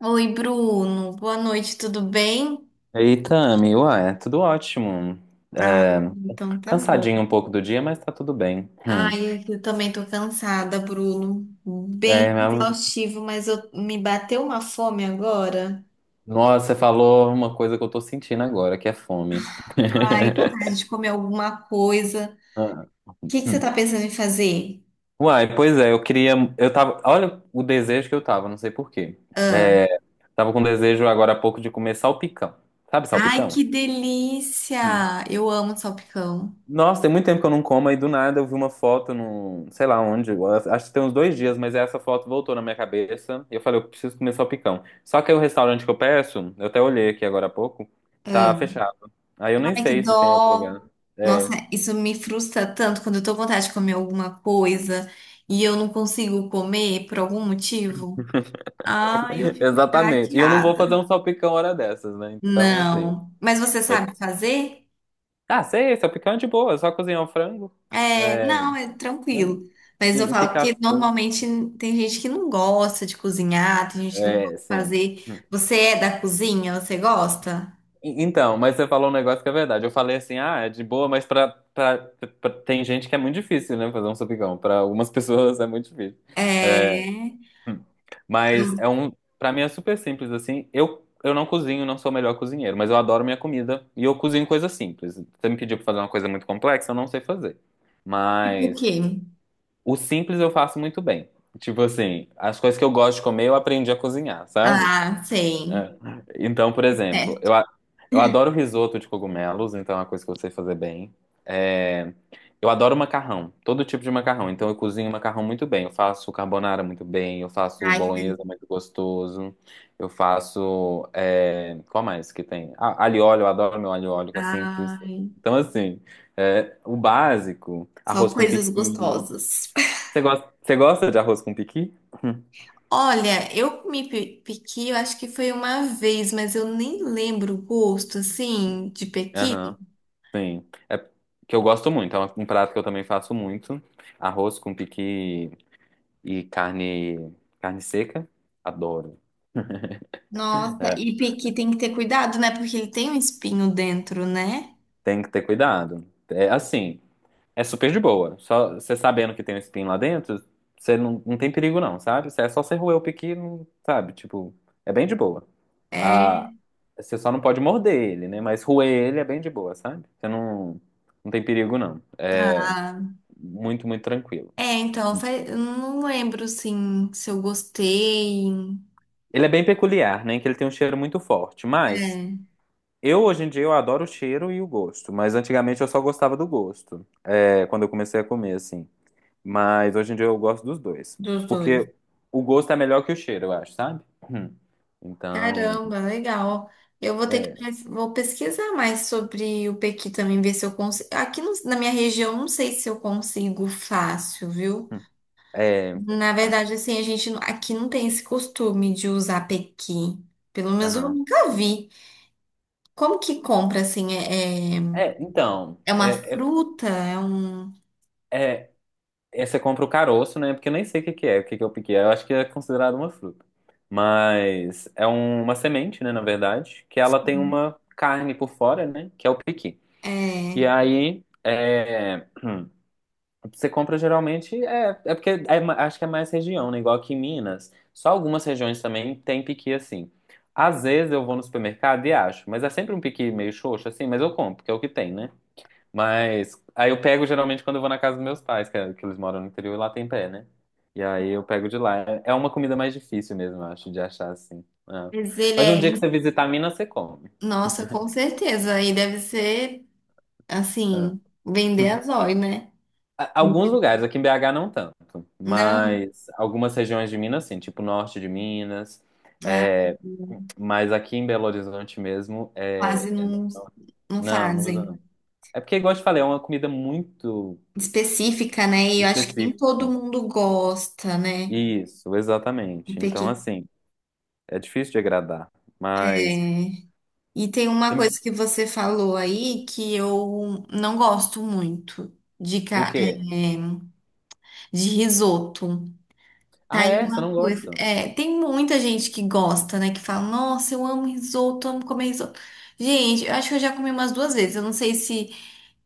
Oi, Bruno. Boa noite, tudo bem? Eita, Ami, ué, tudo ótimo. Ah, É, então tá bom. cansadinho um pouco do dia, mas tá tudo bem. Hum. Ai, eu também tô cansada, Bruno. É, Bem mas- exaustivo, mas me bateu uma fome agora. nossa, você falou uma coisa que eu tô sentindo agora, que é fome. Ai, vontade de comer alguma coisa. Ah, O que que você hum. tá pensando em fazer? Uai, pois é, eu queria. Eu tava. Olha o desejo que eu tava, não sei por quê. Ah. É, tava com desejo agora há pouco de comer salpicão. Sabe Ai, salpicão? que delícia! Eu amo salpicão. Nossa, tem muito tempo que eu não como, aí do nada eu vi uma foto no, sei lá onde, eu acho que tem uns dois dias, mas essa foto voltou na minha cabeça e eu falei, eu preciso comer salpicão. Só que aí o restaurante que eu peço, eu até olhei aqui agora há pouco, Ah. tá fechado. Aí eu nem Ai, que sei se tem outro dó! lugar. Nossa, É, isso me frustra tanto quando eu tô com vontade de comer alguma coisa e eu não consigo comer por algum motivo. Ah, eu fico exatamente. E eu não vou fazer chateada. um salpicão hora dessas, né? Então, assim. Não. Mas você vai- sabe fazer? Ah, sei, salpicão é de boa, é só cozinhar o frango, É, é, não, é né? tranquilo. E, Mas eu falo picar que as coisas. normalmente tem gente que não gosta de cozinhar, tem gente que não gosta É, de sim. fazer. Hum. Você é da cozinha? Você gosta? Então, mas você falou um negócio que é verdade. Eu falei assim, ah, é de boa, mas tem gente que é muito difícil, né, fazer um sapicão. Pra algumas pessoas é muito difícil. É. Mas é um, pra mim é super simples assim. Eu não cozinho, não sou o melhor cozinheiro, mas eu adoro minha comida e eu cozinho coisas simples. Você me pediu pra fazer uma coisa muito complexa, eu não sei fazer. Tipo o Mas quê? o simples eu faço muito bem. Tipo assim, as coisas que eu gosto de comer, eu aprendi a cozinhar, sabe? Ah, sei. É. Então, por exemplo, Certo. Eu adoro risoto de cogumelos, então é uma coisa que eu sei fazer bem. É, eu adoro macarrão, todo tipo de macarrão. Então eu cozinho macarrão muito bem. Eu faço carbonara muito bem, eu faço Ai, que bolonhesa delícia. muito gostoso, eu faço. É, Qual mais que tem? Ah, alho e óleo, eu adoro meu alho e óleo, que é simples. Ai, Então, assim, é, o básico, só arroz com coisas piqui. gostosas. Você gosta de arroz com piqui? Olha, pequi, eu acho que foi uma vez, mas eu nem lembro o gosto, assim, de pequi. Aham. Sim. É que eu gosto muito, é um prato que eu também faço muito. Arroz com piqui e carne, carne seca. Adoro. Nossa, É, que tem que ter cuidado, né? Porque ele tem um espinho dentro, né? tem que ter cuidado. É assim, é super de boa. Só você sabendo que tem um espinho lá dentro, você não, não tem perigo não, sabe? É só você roer o piqui, não, sabe? Tipo, é bem de boa. É. Ah, você só não pode morder ele, né? Mas roer ele é bem de boa, sabe? Você não, não tem perigo não. É Ah, muito, muito tranquilo. é, então, eu não lembro, assim, se eu gostei. Ele é bem peculiar, né? Que ele tem um cheiro muito forte. Mas É, eu hoje em dia eu adoro o cheiro e o gosto. Mas antigamente eu só gostava do gosto. É, quando eu comecei a comer, assim. Mas hoje em dia eu gosto dos dois. dos dois. Porque o gosto é melhor que o cheiro, eu acho, sabe? Hum. Então, Caramba, legal. Eu vou ter que é. Vou pesquisar mais sobre o pequi também, ver se eu consigo. Aqui no- Na minha região, não sei se eu consigo fácil, viu? Hum, é. Na Ah, verdade, assim, a gente não- aqui não tem esse costume de usar pequi. Pelo menos eu aham. nunca vi. Como que compra, assim, é... É, então. É uma É, é, fruta? É um. é- É, você compra o caroço, né? Porque eu nem sei o que que é, o que que eu piquei. Eu acho que é considerado uma fruta. Mas é uma semente, né? Na verdade, que ela tem uma carne por fora, né? Que é o piqui. E É. aí, é, você compra geralmente. Acho que é mais região, né? Igual aqui em Minas. Só algumas regiões também tem piqui assim. Às vezes eu vou no supermercado e acho, mas é sempre um piqui meio xoxo, assim, mas eu compro, porque é o que tem, né? Mas aí eu pego geralmente quando eu vou na casa dos meus pais, que eles moram no interior e lá tem pé, né? E aí eu pego de lá. É é uma comida mais difícil mesmo, eu acho, de achar assim. É. Mas ele Mas é. um dia que você em- visitar Minas, você come. Nossa, com certeza. Aí deve ser, É. assim, vender Hum. a zóio, né? Alguns lugares, aqui em BH não tanto, Não, mas algumas regiões de Minas, sim, tipo norte de Minas. ah, é, mas aqui em Belo Horizonte mesmo, quase não, não não, não usa fazem. não. É porque, igual eu te falei, é uma comida muito Específica, né? E eu acho que nem todo específica. mundo gosta, né? Isso, De exatamente. Então, pequité. assim. É difícil de agradar, mas E tem uma coisa Você- que você falou aí que eu não gosto muito de, o quê? De risoto. Tá Ah, aí é? Você uma não coisa. gosta? É, tem muita gente que gosta, né? Que fala, nossa, eu amo risoto, amo comer risoto. Gente, eu acho que eu já comi umas duas vezes. Eu não sei se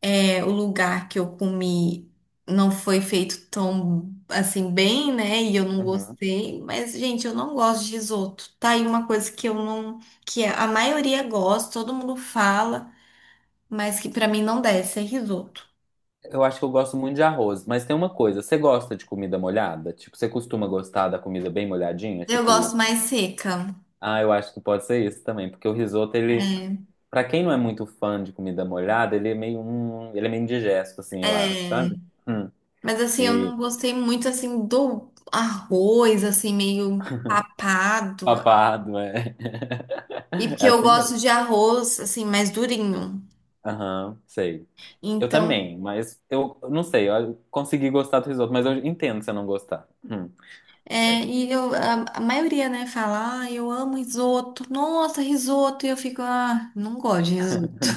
é, o lugar que eu comi não foi feito tão assim bem, né? E eu não Uhum. gostei. Mas, gente, eu não gosto de risoto. Tá aí uma coisa que eu não. Que a maioria gosta, todo mundo fala, mas que pra mim não desce, é risoto. Eu acho que eu gosto muito de arroz, mas tem uma coisa, você gosta de comida molhada? Tipo, você costuma gostar da comida bem molhadinha? Eu gosto Tipo, mais seca. ah, eu acho que pode ser isso também, porque o risoto, ele, É. pra quem não é muito fã de comida molhada, ele é meio indigesto, assim, eu acho, É. sabe? Hum. Mas assim, eu E não gostei muito assim do arroz, assim, meio papado. papado, é. E porque É eu assim mesmo. gosto de arroz, assim, mais durinho. Aham, sei. Eu Então, também, eu não sei, eu consegui gostar do risoto, mas eu entendo se eu não gostar. Hum. é, e a maioria, né, fala, ah, eu amo risoto. Nossa, risoto. E eu fico, ah, não gosto de risoto.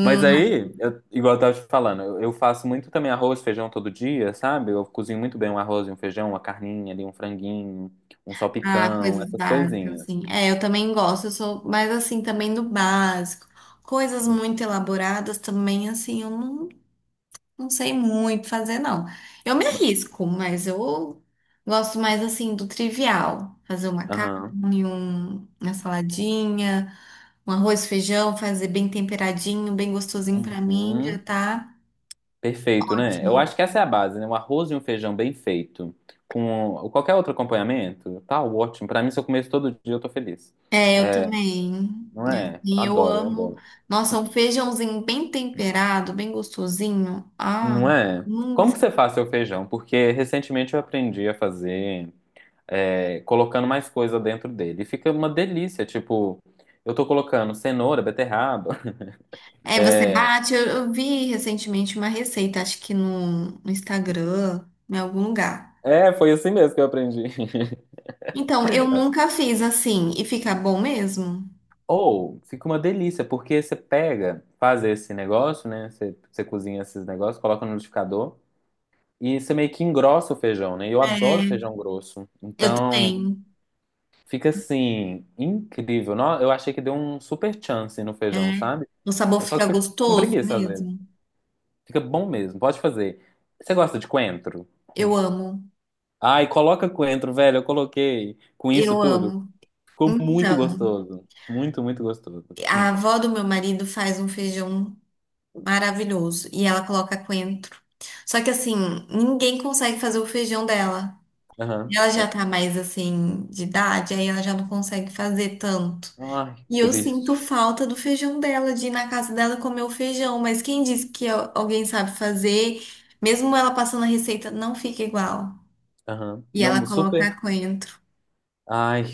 Mas aí, igual eu tava te falando, eu faço muito também arroz, feijão todo dia, sabe? Eu cozinho muito bem um arroz e um feijão, uma carninha ali, um franguinho, um ah, salpicão, coisas essas básicas, coisinhas. assim. É, eu também gosto, eu sou mais assim, também do básico. Coisas muito elaboradas também, assim, eu não. Não sei muito fazer, não. Eu me Ma- arrisco, mas eu gosto mais assim do trivial. Fazer uma Aham. carne, uma saladinha, um arroz, feijão, fazer bem temperadinho, bem gostosinho pra mim, já Uhum. tá Perfeito, né? Eu ótimo. acho que essa é a base, né? Um arroz e um feijão bem feito, com qualquer outro acompanhamento, tá ótimo. Pra mim, se eu comer isso todo dia, eu tô feliz. É, eu também. Não é? Eu E eu adoro, eu amo. adoro. Nossa, um feijãozinho bem temperado, bem gostosinho. Ah, Não é? hum. Como que você faz seu feijão? Porque recentemente eu aprendi a fazer é, colocando mais coisa dentro dele. E fica uma delícia, tipo, eu tô colocando cenoura, beterraba. É, você bate. Eu vi recentemente uma receita, acho que no Instagram, em algum lugar. É, foi assim mesmo que eu aprendi. Então, eu nunca fiz assim e fica bom mesmo. Ou fica uma delícia, porque você pega, faz esse negócio, né? Você cozinha esses negócios, coloca no liquidificador e você meio que engrossa o feijão, né? E eu É, adoro feijão grosso. eu Então, também. fica assim, incrível. Eu achei que deu um super chance no feijão, É. sabe? O sabor É só fica que fica com gostoso preguiça às vezes. mesmo. Fica bom mesmo, pode fazer. Você gosta de coentro? Hum. Eu amo. Ai, coloca coentro, velho. Eu coloquei com isso Eu tudo. amo. Ficou muito Então, gostoso. Muito, muito gostoso. a Hum. avó do meu marido faz um feijão maravilhoso e ela coloca coentro. Só que assim, ninguém consegue fazer o feijão dela. Aham. Ela já É. tá mais assim de idade, aí ela já não consegue fazer tanto. Ai, E eu sinto triste. falta do feijão dela, de ir na casa dela comer o feijão. Mas quem disse que alguém sabe fazer, mesmo ela passando a receita, não fica igual. Aham. E Não, ela super. coloca coentro. Ai,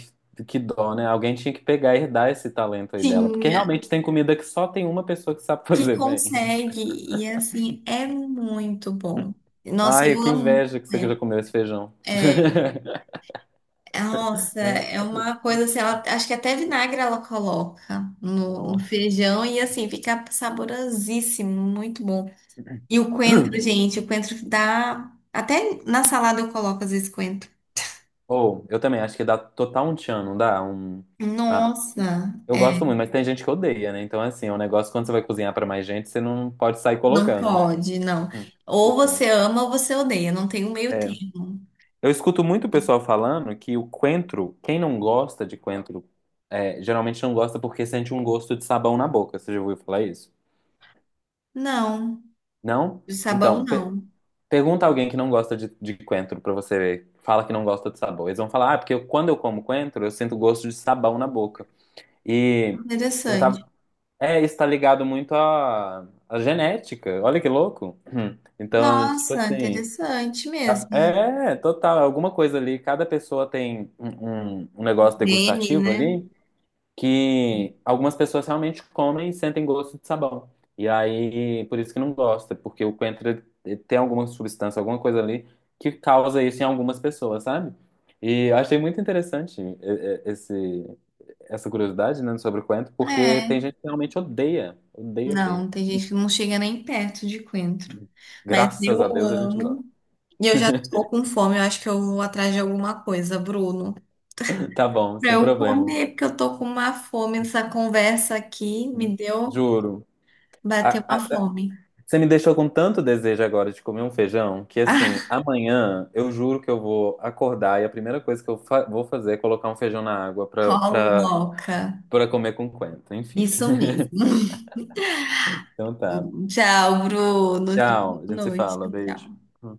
que dó, né? Alguém tinha que pegar e herdar esse talento aí dela. Porque Tinha, realmente tem comida que só tem uma pessoa que sabe que fazer, velho. consegue. E assim, é muito bom. Nossa, Ai, eu que amo inveja que você já coentro. comeu esse feijão. É, é, nossa, é uma coisa assim, ela, acho que até vinagre ela coloca no Nossa. feijão e assim, fica saborosíssimo, muito bom. E o coentro, gente, o coentro dá. Até na salada eu coloco às vezes coentro. Ou, eu também acho que dá total um tchan, não dá? Um... Ah, Nossa, eu é, gosto muito, mas tem gente que odeia, né? Então, assim, é um negócio quando você vai cozinhar pra mais gente, você não pode sair não colocando, né? pode, não. Hum, Ou por quê? você ama ou você odeia, não tem um meio É. termo. Eu escuto muito o pessoal falando que o coentro, quem não gosta de coentro, é, geralmente não gosta porque sente um gosto de sabão na boca. Você já ouviu falar isso? Não, Não? de sabão Então, pe- não. pergunta alguém que não gosta de coentro pra você ver. Fala que não gosta de sabor. Eles vão falar, ah, quando eu como coentro, eu sinto gosto de sabão na boca. E eu Interessante. tava. É, isso tá ligado muito à genética. Olha que louco. Hum. Então, tipo Nossa, assim. interessante mesmo. É, total. É Alguma coisa ali. Cada pessoa tem um negócio Gene, degustativo né? ali que algumas pessoas realmente comem e sentem gosto de sabão. E aí, por isso que não gosta, porque o coentro ele tem alguma substância, alguma coisa ali que causa isso em algumas pessoas, sabe? E eu achei muito interessante esse essa curiosidade, né, sobre o Quento, porque É, tem gente que realmente odeia, odeia, odeia. não, tem gente que não chega nem perto de coentro. Mas Graças eu a Deus a gente gosta. amo. E eu já tô com fome, eu acho que eu vou atrás de alguma coisa, Bruno. Tá bom, Pra sem eu problema. comer, porque eu tô com uma fome. Essa conversa aqui me deu, Juro. bateu A- uma a- fome. você me deixou com tanto desejo agora de comer um feijão que, assim, Ah, amanhã eu juro que eu vou acordar e a primeira coisa que eu vou fazer é colocar um feijão na água coloca. pra comer com Quento. Enfim. Isso mesmo. Então tá. Tchau, Bruno. Tchau. A Boa gente se noite. fala. Tchau. Beijo.